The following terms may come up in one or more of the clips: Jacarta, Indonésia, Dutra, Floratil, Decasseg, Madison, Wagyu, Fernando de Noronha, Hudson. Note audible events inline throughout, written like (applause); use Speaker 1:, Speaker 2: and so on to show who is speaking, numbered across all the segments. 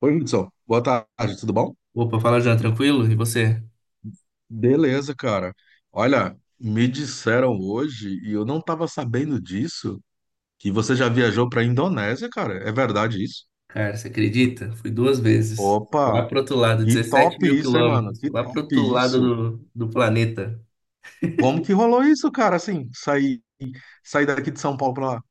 Speaker 1: Oi, Hudson. Boa tarde, tudo bom?
Speaker 2: Opa, fala já, tranquilo? E você?
Speaker 1: Beleza, cara. Olha, me disseram hoje, e eu não tava sabendo disso, que você já viajou pra Indonésia, cara. É verdade isso?
Speaker 2: Cara, você acredita? Fui duas vezes. Lá
Speaker 1: Opa,
Speaker 2: pro outro lado,
Speaker 1: que
Speaker 2: dezessete
Speaker 1: top
Speaker 2: mil
Speaker 1: isso, hein, mano?
Speaker 2: quilômetros.
Speaker 1: Que
Speaker 2: Lá pro
Speaker 1: top
Speaker 2: outro lado
Speaker 1: isso.
Speaker 2: do planeta.
Speaker 1: Como que rolou isso, cara? Assim, sair daqui de São Paulo pra lá.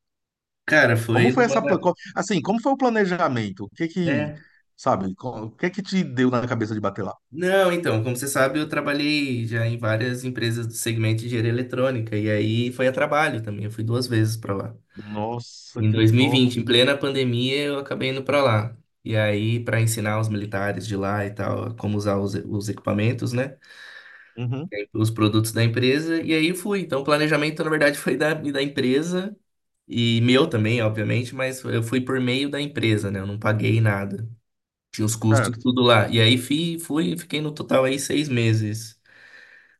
Speaker 2: Cara,
Speaker 1: Como
Speaker 2: foi
Speaker 1: foi essa,
Speaker 2: numa.
Speaker 1: assim, como foi o planejamento? O que que,
Speaker 2: É.
Speaker 1: sabe, o que que te deu na cabeça de bater lá?
Speaker 2: Não, então, como você sabe, eu trabalhei já em várias empresas do segmento de engenharia eletrônica. E aí foi a trabalho também. Eu fui duas vezes pra lá.
Speaker 1: Nossa,
Speaker 2: Em
Speaker 1: que top.
Speaker 2: 2020, em plena pandemia, eu acabei indo pra lá. E aí, pra ensinar os militares de lá e tal, como usar os equipamentos, né?
Speaker 1: Uhum,
Speaker 2: Os produtos da empresa e aí fui. Então, o planejamento, na verdade, foi da empresa e meu também, obviamente, mas eu fui por meio da empresa, né? Eu não paguei nada. Tinha os custos
Speaker 1: certo.
Speaker 2: tudo lá. E aí fui, fui fiquei no total aí 6 meses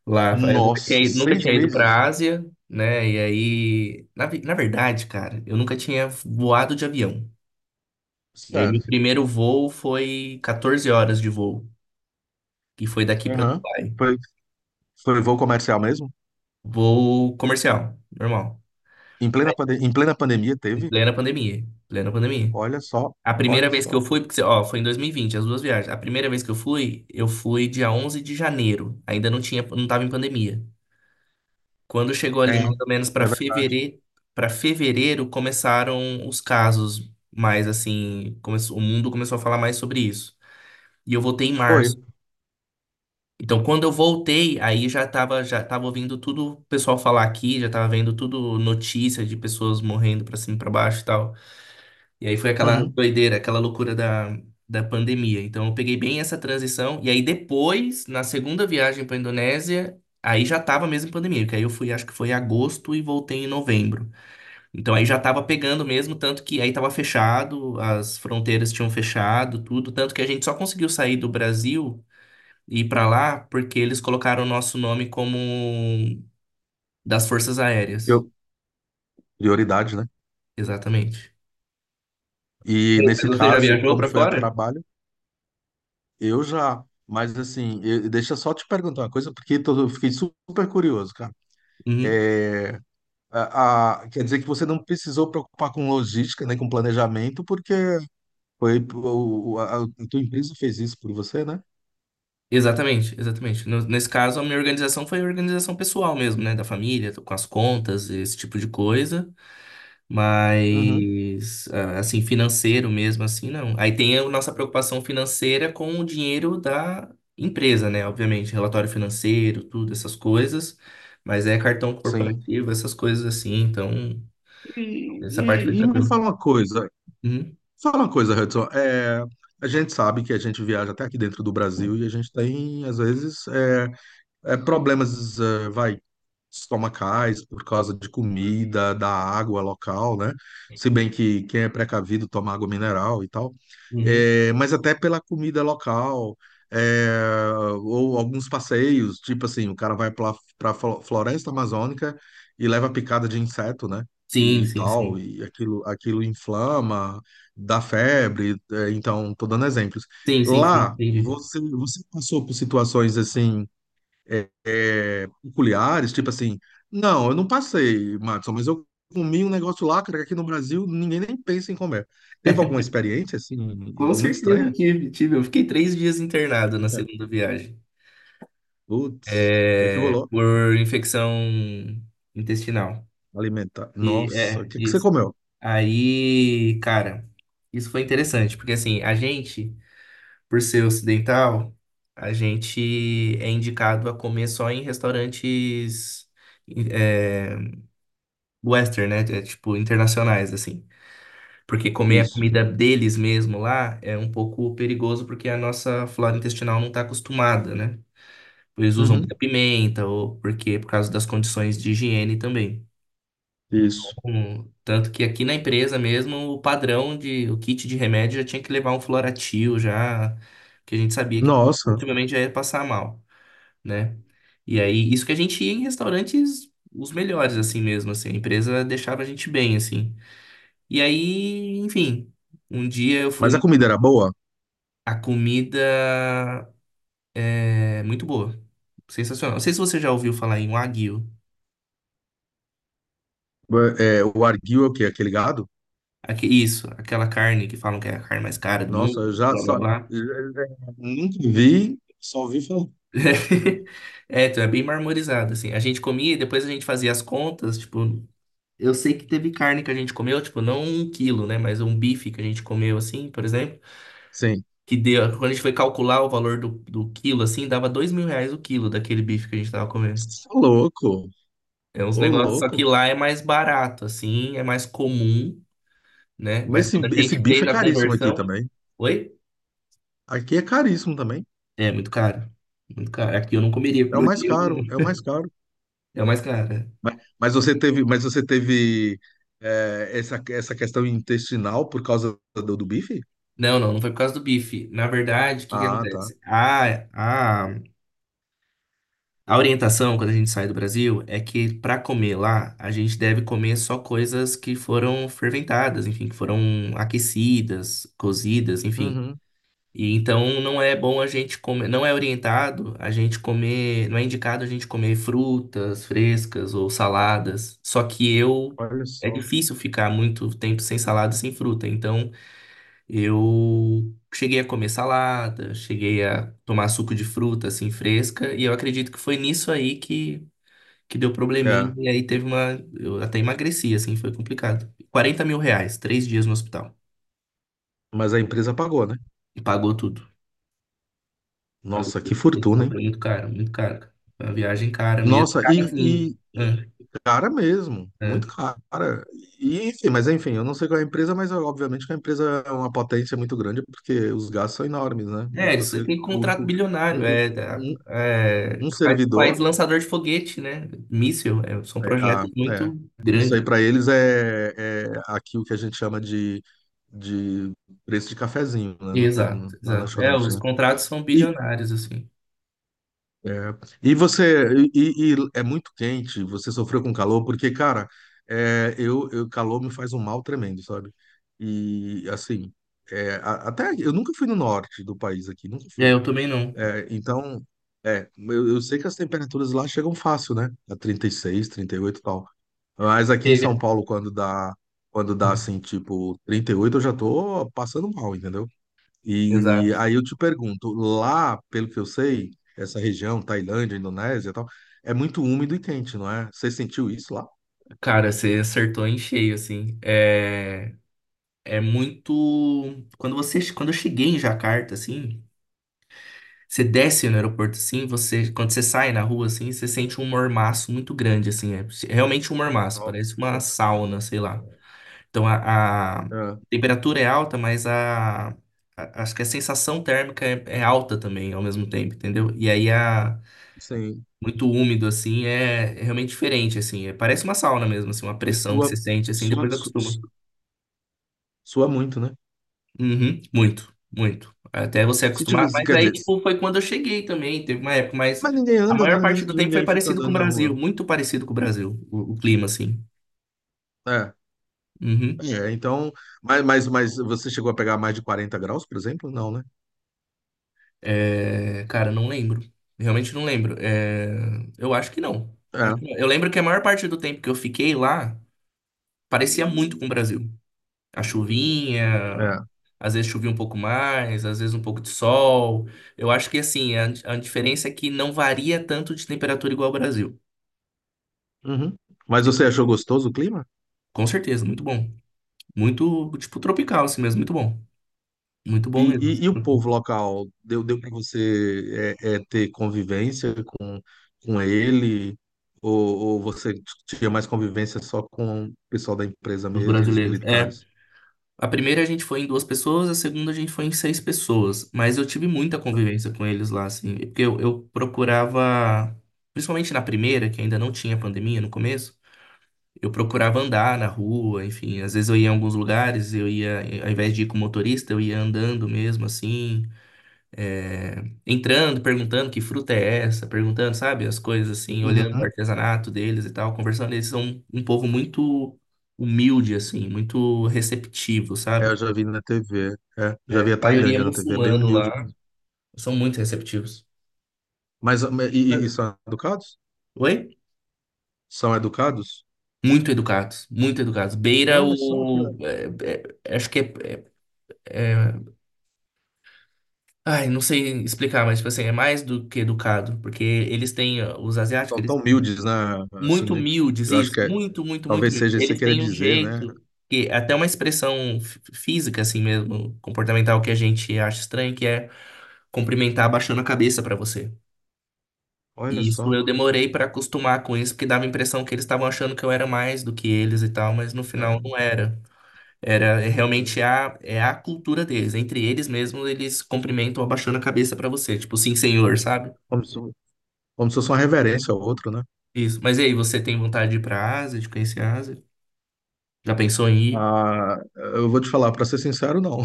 Speaker 2: lá. Eu nunca
Speaker 1: Nossa,
Speaker 2: nunca
Speaker 1: seis
Speaker 2: tinha ido
Speaker 1: meses?
Speaker 2: para Ásia, né? E aí, na verdade, cara, eu nunca tinha voado de avião. E aí, meu
Speaker 1: Certo.
Speaker 2: primeiro voo foi 14 horas de voo, que foi daqui para
Speaker 1: Aham.
Speaker 2: Dubai.
Speaker 1: Foi, foi voo comercial mesmo?
Speaker 2: Voo comercial, normal.
Speaker 1: Em em plena pandemia
Speaker 2: Em
Speaker 1: teve?
Speaker 2: plena pandemia. Plena pandemia.
Speaker 1: Olha só,
Speaker 2: A primeira
Speaker 1: olha
Speaker 2: vez que eu
Speaker 1: só.
Speaker 2: fui, porque, ó, foi em 2020 as duas viagens. A primeira vez que eu fui dia 11 de janeiro. Ainda não tinha, não tava em pandemia. Quando chegou ali
Speaker 1: É,
Speaker 2: mais
Speaker 1: é
Speaker 2: ou menos
Speaker 1: verdade.
Speaker 2: para fevereiro começaram os casos, mais assim, começou, o mundo começou a falar mais sobre isso. E eu voltei em
Speaker 1: Foi.
Speaker 2: março. Então, quando eu voltei, aí já tava ouvindo tudo o pessoal falar aqui, já tava vendo tudo notícia de pessoas morrendo pra cima e pra baixo e tal. E aí foi aquela
Speaker 1: Uhum.
Speaker 2: doideira, aquela loucura da pandemia. Então eu peguei bem essa transição. E aí depois, na segunda viagem para Indonésia, aí já tava mesmo pandemia, porque aí eu fui, acho que foi em agosto e voltei em novembro. Então aí já tava pegando mesmo, tanto que aí tava fechado, as fronteiras tinham fechado, tudo, tanto que a gente só conseguiu sair do Brasil e ir para lá porque eles colocaram o nosso nome como das Forças Aéreas.
Speaker 1: Eu, prioridade, né?
Speaker 2: Exatamente.
Speaker 1: E
Speaker 2: Sim,
Speaker 1: nesse
Speaker 2: mas você já
Speaker 1: caso,
Speaker 2: viajou
Speaker 1: como
Speaker 2: para
Speaker 1: foi a
Speaker 2: fora?
Speaker 1: trabalho, eu já. Mas assim, deixa eu só te perguntar uma coisa, porque eu fiquei super curioso, cara.
Speaker 2: Uhum.
Speaker 1: É, quer dizer que você não precisou preocupar com logística, nem com planejamento, porque foi a tua empresa fez isso por você, né?
Speaker 2: Exatamente, exatamente. Nesse caso, a minha organização foi organização pessoal mesmo, né? Da família, com as contas, esse tipo de coisa.
Speaker 1: Uhum.
Speaker 2: Mas, ah, assim, financeiro mesmo, assim, não. Aí tem a nossa preocupação financeira com o dinheiro da empresa, né? Obviamente, relatório financeiro, tudo, essas coisas. Mas é cartão
Speaker 1: Sim.
Speaker 2: corporativo, essas coisas assim. Então, essa parte foi
Speaker 1: E me
Speaker 2: tranquila. Uhum,
Speaker 1: fala uma coisa, Hudson. A gente sabe que a gente viaja até aqui dentro do Brasil e a gente tem, às vezes, problemas, vai, estomacais por causa de comida, da água local, né? Se bem que quem é precavido toma água mineral e tal.
Speaker 2: uhum.
Speaker 1: Mas até pela comida local, eh, ou alguns passeios, tipo assim, o cara vai para a floresta amazônica e leva picada de inseto, né?
Speaker 2: Sim,
Speaker 1: E,
Speaker 2: sim,
Speaker 1: tal,
Speaker 2: sim.
Speaker 1: e aquilo, aquilo inflama, dá febre, então, tô dando exemplos.
Speaker 2: Sim, sim, sim,
Speaker 1: Lá,
Speaker 2: entendi.
Speaker 1: você passou por situações assim é, peculiares, tipo assim, não, eu não passei, Madison, mas eu comi um negócio lá, cara, que aqui no Brasil ninguém nem pensa em comer. Teve alguma experiência, assim,
Speaker 2: Com
Speaker 1: muito
Speaker 2: certeza
Speaker 1: estranha?
Speaker 2: tive, tive. Eu fiquei 3 dias internado na
Speaker 1: É.
Speaker 2: segunda viagem.
Speaker 1: Putz, o que é que
Speaker 2: É,
Speaker 1: rolou?
Speaker 2: por infecção intestinal.
Speaker 1: Alimentar.
Speaker 2: E
Speaker 1: Nossa, o
Speaker 2: é,
Speaker 1: que é que você
Speaker 2: isso.
Speaker 1: comeu?
Speaker 2: Aí, cara, isso foi interessante, porque assim, a gente, por ser ocidental, a gente é indicado a comer só em restaurantes é, western, né? É, tipo, internacionais, assim. Porque comer a
Speaker 1: Isso.
Speaker 2: comida deles mesmo lá é um pouco perigoso, porque a nossa flora intestinal não tá acostumada, né? Eles usam muita
Speaker 1: Uhum,
Speaker 2: pimenta, ou porque por causa das condições de higiene também.
Speaker 1: isso.
Speaker 2: Tanto que aqui na empresa mesmo, o padrão de o kit de remédio já tinha que levar um Floratil já, que a gente sabia que
Speaker 1: Nossa,
Speaker 2: ultimamente já ia passar mal, né? E aí, isso que a gente ia em restaurantes os melhores assim mesmo, assim, a empresa deixava a gente bem assim. E aí, enfim, um dia eu
Speaker 1: mas a
Speaker 2: fui
Speaker 1: comida era boa?
Speaker 2: a comida é muito boa, sensacional. Não sei se você já ouviu falar em Wagyu.
Speaker 1: É, o arguil é o quê? Aquele gado?
Speaker 2: Aqui, isso, aquela carne que falam que é a carne mais cara do
Speaker 1: Nossa,
Speaker 2: mundo,
Speaker 1: eu já
Speaker 2: blá blá
Speaker 1: só,
Speaker 2: blá.
Speaker 1: nunca vi, só vi falar.
Speaker 2: (laughs) É, então é bem marmorizado, assim. A gente comia e depois a gente fazia as contas, tipo, eu sei que teve carne que a gente comeu, tipo, não um quilo, né? Mas um bife que a gente comeu, assim, por exemplo,
Speaker 1: Sim.
Speaker 2: que deu, quando a gente foi calcular o valor do quilo, assim, dava R$ 2.000 o quilo daquele bife que a gente tava comendo.
Speaker 1: Você é louco,
Speaker 2: É uns
Speaker 1: ô
Speaker 2: negócios, só que
Speaker 1: louco.
Speaker 2: lá é mais barato, assim, é mais comum, né?
Speaker 1: Mas
Speaker 2: Mas quando a
Speaker 1: esse
Speaker 2: gente
Speaker 1: bife
Speaker 2: fez
Speaker 1: é
Speaker 2: a
Speaker 1: caríssimo aqui
Speaker 2: conversão.
Speaker 1: também.
Speaker 2: Oi?
Speaker 1: Aqui é caríssimo também.
Speaker 2: É muito caro. Muito caro. Aqui eu não comeria com
Speaker 1: É o
Speaker 2: meu
Speaker 1: mais
Speaker 2: dinheiro,
Speaker 1: caro, é o
Speaker 2: não.
Speaker 1: mais caro.
Speaker 2: É o mais caro. É.
Speaker 1: Mas você teve, mas você teve essa questão intestinal por causa do bife?
Speaker 2: Não, não, não foi por causa do bife. Na verdade, o que que
Speaker 1: Ah, tá.
Speaker 2: acontece? A orientação, quando a gente sai do Brasil, é que para comer lá, a gente deve comer só coisas que foram ferventadas, enfim, que foram aquecidas, cozidas, enfim.
Speaker 1: Uhum,
Speaker 2: E então não é bom a gente comer, não é orientado a gente comer, não é indicado a gente comer frutas frescas ou saladas. Só que eu
Speaker 1: olha
Speaker 2: é
Speaker 1: só.
Speaker 2: difícil ficar muito tempo sem salada, sem fruta. Então eu cheguei a comer salada, cheguei a tomar suco de fruta assim fresca, e eu acredito que foi nisso aí que deu probleminha
Speaker 1: É,
Speaker 2: e aí teve uma, eu até emagreci assim, foi complicado. R$ 40.000, 3 dias no hospital
Speaker 1: mas a empresa pagou, né?
Speaker 2: e pagou tudo. Pagou-
Speaker 1: Nossa, que fortuna,
Speaker 2: foi
Speaker 1: hein?
Speaker 2: muito caro, muito caro. Cara. Foi uma viagem cara mesmo.
Speaker 1: Nossa,
Speaker 2: Cara,
Speaker 1: e
Speaker 2: assim.
Speaker 1: cara mesmo,
Speaker 2: É, é.
Speaker 1: muito cara. E, enfim, mas enfim, eu não sei qual é a empresa, mas é, obviamente que a empresa é uma potência muito grande, porque os gastos são enormes, né?
Speaker 2: É, isso aí
Speaker 1: Você,
Speaker 2: tem
Speaker 1: o
Speaker 2: contrato
Speaker 1: único,
Speaker 2: bilionário.
Speaker 1: um, um- um,
Speaker 2: É,
Speaker 1: um
Speaker 2: que faz, faz
Speaker 1: servidor,
Speaker 2: lançador de foguete, né? Míssil. É, são
Speaker 1: é, a-
Speaker 2: projetos
Speaker 1: é,
Speaker 2: muito
Speaker 1: isso aí
Speaker 2: grandes.
Speaker 1: para eles é aqui o que a gente chama de preço de cafezinho, né,
Speaker 2: Exato,
Speaker 1: na
Speaker 2: exato. É,
Speaker 1: lanchonete,
Speaker 2: os
Speaker 1: né?
Speaker 2: contratos são
Speaker 1: E,
Speaker 2: bilionários, assim.
Speaker 1: é, e você, e é muito quente, você sofreu com calor, porque, cara, eu, calor me faz um mal tremendo, sabe? E, assim, até eu nunca fui no norte do país aqui, nunca
Speaker 2: É,
Speaker 1: fui.
Speaker 2: eu também não.
Speaker 1: É, então, eu sei que as temperaturas lá chegam fácil, né? A 36, 38 e oito e tal. Mas aqui em São
Speaker 2: Pega-
Speaker 1: Paulo, quando dá assim, tipo 38 eu já tô passando mal, entendeu? E
Speaker 2: exato.
Speaker 1: aí eu te pergunto, lá, pelo que eu sei, essa região, Tailândia, Indonésia e tal, é muito úmido e quente, não é? Você sentiu isso lá?
Speaker 2: Cara, você acertou em cheio, assim. É, é muito. Quando você, quando eu cheguei em Jacarta, assim. Você desce no aeroporto assim, você, quando você sai na rua assim, você sente um mormaço muito grande assim, é realmente um mormaço, parece uma
Speaker 1: Nossa.
Speaker 2: sauna, sei lá. Então a
Speaker 1: É,
Speaker 2: temperatura é alta, mas acho que a sensação térmica é, é alta também ao mesmo tempo, entendeu? E aí a
Speaker 1: sim.
Speaker 2: muito úmido assim é, é realmente diferente assim, parece uma sauna mesmo, assim, uma
Speaker 1: E
Speaker 2: pressão que
Speaker 1: tua,
Speaker 2: você sente assim,
Speaker 1: sua,
Speaker 2: depois
Speaker 1: su-
Speaker 2: acostuma.
Speaker 1: Sua muito, né?
Speaker 2: Uhum, muito, muito. Até você
Speaker 1: Se tiver,
Speaker 2: acostumar. Mas
Speaker 1: quer
Speaker 2: aí,
Speaker 1: dizer,
Speaker 2: tipo, foi quando eu cheguei também. Teve uma época, mas
Speaker 1: mas ninguém
Speaker 2: a
Speaker 1: anda, né?
Speaker 2: maior parte do tempo foi
Speaker 1: Ninguém fica
Speaker 2: parecido com o
Speaker 1: andando na
Speaker 2: Brasil.
Speaker 1: rua.
Speaker 2: Muito parecido com o Brasil, o clima, assim.
Speaker 1: É.
Speaker 2: Uhum.
Speaker 1: É, então, mas você chegou a pegar mais de 40 graus, por exemplo? Não, né?
Speaker 2: É, cara, não lembro. Realmente não lembro. É, eu acho que não.
Speaker 1: É,
Speaker 2: Acho que não. Eu lembro que a maior parte do tempo que eu fiquei lá parecia muito com o Brasil. A chuvinha,
Speaker 1: é.
Speaker 2: às vezes chovia um pouco mais, às vezes um pouco de sol. Eu acho que, assim, a diferença é que não varia tanto de temperatura igual ao Brasil.
Speaker 1: Uhum. Mas você achou gostoso o clima?
Speaker 2: Com certeza, muito bom. Muito, tipo, tropical, assim mesmo, muito bom. Muito bom mesmo, assim,
Speaker 1: E o povo local? Deu para você ter convivência com ele? Ou você tinha mais convivência só com o pessoal da empresa
Speaker 2: os
Speaker 1: mesmo, os
Speaker 2: brasileiros. É,
Speaker 1: militares?
Speaker 2: a primeira a gente foi em duas pessoas, a segunda a gente foi em seis pessoas, mas eu tive muita convivência com eles lá, assim, porque eu procurava, principalmente na primeira, que ainda não tinha pandemia no começo, eu procurava andar na rua, enfim, às vezes eu ia em alguns lugares, eu ia, ao invés de ir com motorista, eu ia andando mesmo, assim, é, entrando, perguntando que fruta é essa, perguntando, sabe, as coisas assim, olhando o
Speaker 1: Uhum.
Speaker 2: artesanato deles e tal, conversando. Eles são um povo muito humilde, assim, muito receptivo,
Speaker 1: É, eu
Speaker 2: sabe?
Speaker 1: já vi na TV. É, já
Speaker 2: É,
Speaker 1: vi
Speaker 2: a
Speaker 1: a
Speaker 2: maioria é
Speaker 1: Tailândia na TV, é bem
Speaker 2: muçulmano
Speaker 1: humilde.
Speaker 2: lá, são muito receptivos.
Speaker 1: Mas e
Speaker 2: Brasil.
Speaker 1: são educados?
Speaker 2: Oi?
Speaker 1: São educados?
Speaker 2: Muito educados, muito educados. Beira
Speaker 1: Olha só que
Speaker 2: o.
Speaker 1: legal.
Speaker 2: É, é, acho que é- ai, não sei explicar, mas, tipo assim, é mais do que educado, porque eles têm. Ó, os asiáticos,
Speaker 1: São
Speaker 2: eles,
Speaker 1: tão humildes, né? Assim,
Speaker 2: muito
Speaker 1: né?
Speaker 2: humildes,
Speaker 1: Eu acho
Speaker 2: isso,
Speaker 1: que
Speaker 2: muito, muito, muito
Speaker 1: talvez
Speaker 2: humildes.
Speaker 1: seja isso que você
Speaker 2: Eles
Speaker 1: queira
Speaker 2: têm um
Speaker 1: dizer, né?
Speaker 2: jeito, que é até uma expressão física, assim mesmo, comportamental, que a gente acha estranho, que é cumprimentar abaixando a cabeça pra você.
Speaker 1: Olha
Speaker 2: E isso
Speaker 1: só.
Speaker 2: eu demorei pra acostumar com isso, porque dava a impressão que eles estavam achando que eu era mais do que eles e tal, mas no final
Speaker 1: É,
Speaker 2: não era. Era é
Speaker 1: é,
Speaker 2: realmente a, é a cultura deles. Entre eles mesmos, eles cumprimentam abaixando a cabeça pra você, tipo, sim,
Speaker 1: é.
Speaker 2: senhor, sabe?
Speaker 1: Como se, como se fosse uma reverência ao outro, né?
Speaker 2: Isso. Mas e aí, você tem vontade de ir pra Ásia, de conhecer a Ásia? Já pensou em ir?
Speaker 1: Ah, eu vou te falar, para ser sincero, não.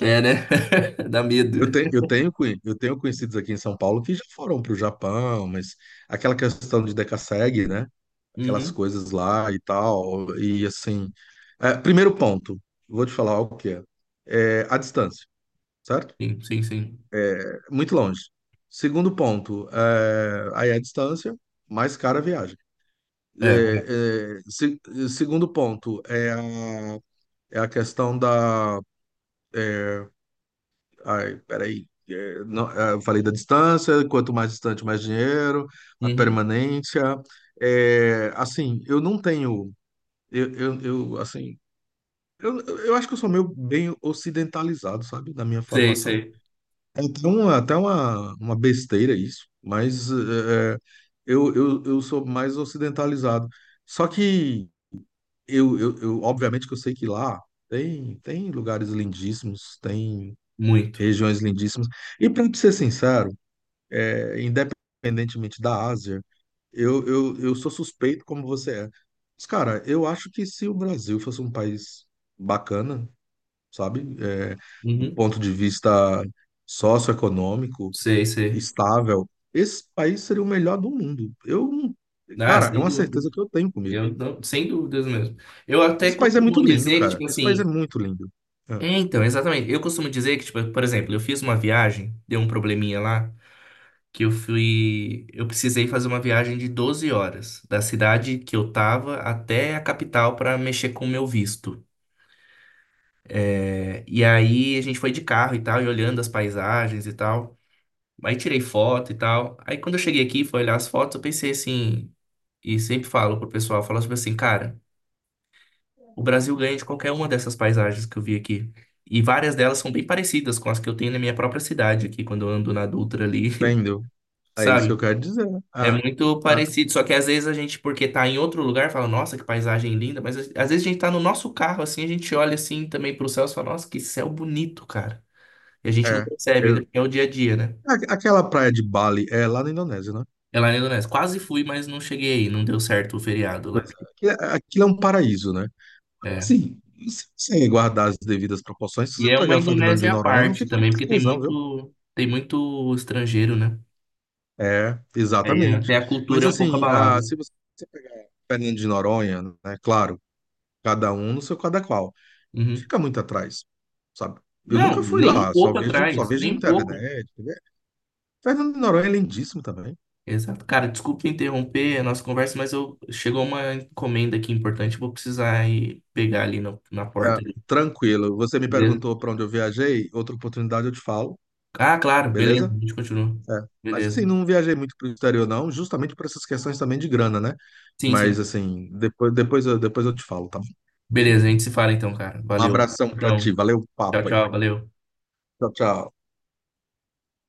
Speaker 2: É, né? (laughs) Dá medo.
Speaker 1: Eu tenho, eu tenho conhecidos aqui em São Paulo que já foram para o Japão, mas aquela questão de Decasseg, né? Aquelas
Speaker 2: Uhum.
Speaker 1: coisas lá e tal. E assim. É, primeiro ponto, vou te falar o que é. É a distância, certo?
Speaker 2: Sim, sim, sim.
Speaker 1: É muito longe. Segundo ponto, é, aí a distância, mais cara a viagem.
Speaker 2: É.
Speaker 1: É, é, se- segundo ponto, é a, é a questão da... Ai, peraí. É, não, é, eu falei da distância, quanto mais distante, mais dinheiro, a
Speaker 2: Uhum.
Speaker 1: permanência. É, assim, eu não tenho. Assim, eu acho que eu sou meio bem ocidentalizado, sabe, da minha
Speaker 2: Sei,
Speaker 1: formação.
Speaker 2: sei.
Speaker 1: É até uma, uma besteira isso, mas eu sou mais ocidentalizado. Só que eu, obviamente que eu sei que lá tem, tem lugares lindíssimos, tem
Speaker 2: Muito.
Speaker 1: regiões lindíssimas. E para ser sincero, independentemente da Ásia, eu sou suspeito como você é. Mas, cara, eu acho que se o Brasil fosse um país bacana, sabe? É, do
Speaker 2: Uhum.
Speaker 1: ponto de vista socioeconômico,
Speaker 2: Sei, sei.
Speaker 1: estável, esse país seria o melhor do mundo. Eu, não-
Speaker 2: Ah,
Speaker 1: cara, é
Speaker 2: sem
Speaker 1: uma certeza
Speaker 2: dúvidas.
Speaker 1: que eu tenho comigo.
Speaker 2: Eu não, sem dúvidas mesmo. Eu até
Speaker 1: Esse país é muito
Speaker 2: costumo
Speaker 1: lindo,
Speaker 2: dizer que,
Speaker 1: cara.
Speaker 2: tipo
Speaker 1: Esse país é
Speaker 2: assim.
Speaker 1: muito lindo. É,
Speaker 2: É, então, exatamente. Eu costumo dizer que, tipo, por exemplo, eu fiz uma viagem, deu um probleminha lá, que eu fui. Eu precisei fazer uma viagem de 12 horas, da cidade que eu tava até a capital pra mexer com o meu visto. É, e aí a gente foi de carro e tal, e olhando as paisagens e tal. Aí tirei foto e tal. Aí quando eu cheguei aqui, e fui olhar as fotos, eu pensei assim, e sempre falo pro pessoal, falo tipo assim, cara, o Brasil ganha de qualquer uma dessas paisagens que eu vi aqui. E várias delas são bem parecidas com as que eu tenho na minha própria cidade aqui, quando eu ando na Dutra ali,
Speaker 1: entendeu?
Speaker 2: (laughs)
Speaker 1: É isso que eu
Speaker 2: sabe?
Speaker 1: quero dizer.
Speaker 2: É
Speaker 1: Ah,
Speaker 2: muito
Speaker 1: ah,
Speaker 2: parecido, só que às vezes a gente, porque tá em outro lugar, fala, nossa, que paisagem linda, mas às vezes a gente tá no nosso carro, assim, a gente olha assim também pro céu e fala, nossa, que céu bonito, cara. E a gente não
Speaker 1: é.
Speaker 2: percebe, ainda porque é o dia a dia, né?
Speaker 1: Aquela praia de Bali é lá na Indonésia, né?
Speaker 2: É lá na Indonésia. Quase fui, mas não cheguei aí. Não deu certo o feriado lá.
Speaker 1: Pois é. Aquilo é um paraíso, né?
Speaker 2: É.
Speaker 1: Sim, se você guardar as devidas proporções, se
Speaker 2: E
Speaker 1: você
Speaker 2: é uma
Speaker 1: pegar Fernando de
Speaker 2: Indonésia à
Speaker 1: Noronha, não
Speaker 2: parte
Speaker 1: fica muito
Speaker 2: também, porque
Speaker 1: atrás, não, viu?
Speaker 2: tem muito estrangeiro, né?
Speaker 1: É,
Speaker 2: Aí
Speaker 1: exatamente.
Speaker 2: até a
Speaker 1: Mas
Speaker 2: cultura é um pouco
Speaker 1: assim,
Speaker 2: abalada.
Speaker 1: ah, se você pegar Fernando de Noronha, né? Claro, cada um no seu cada qual,
Speaker 2: Uhum.
Speaker 1: fica muito atrás, sabe? Eu
Speaker 2: Não,
Speaker 1: nunca fui
Speaker 2: nem um
Speaker 1: lá,
Speaker 2: pouco
Speaker 1: só
Speaker 2: atrás,
Speaker 1: vejo
Speaker 2: nem um pouco.
Speaker 1: internet, né? Fernando de Noronha é lindíssimo também.
Speaker 2: Exato. Cara, desculpa interromper a nossa conversa, mas eu chegou uma encomenda aqui importante, vou precisar ir pegar ali na
Speaker 1: Ah,
Speaker 2: porta ali.
Speaker 1: tranquilo. Você me
Speaker 2: Beleza?
Speaker 1: perguntou para onde eu viajei, outra oportunidade eu te falo,
Speaker 2: Ah, claro, beleza. A
Speaker 1: beleza?
Speaker 2: gente continua.
Speaker 1: É. Mas
Speaker 2: Beleza.
Speaker 1: assim, não viajei muito para o exterior, não, justamente por essas questões também de grana, né?
Speaker 2: Sim,
Speaker 1: Mas
Speaker 2: sim.
Speaker 1: assim, depois eu te falo, tá bom?
Speaker 2: Beleza, a gente se fala então, cara.
Speaker 1: Um
Speaker 2: Valeu.
Speaker 1: abração para
Speaker 2: Então,
Speaker 1: ti, valeu o
Speaker 2: tchau,
Speaker 1: papo aí.
Speaker 2: tchau, valeu.
Speaker 1: Tchau, tchau.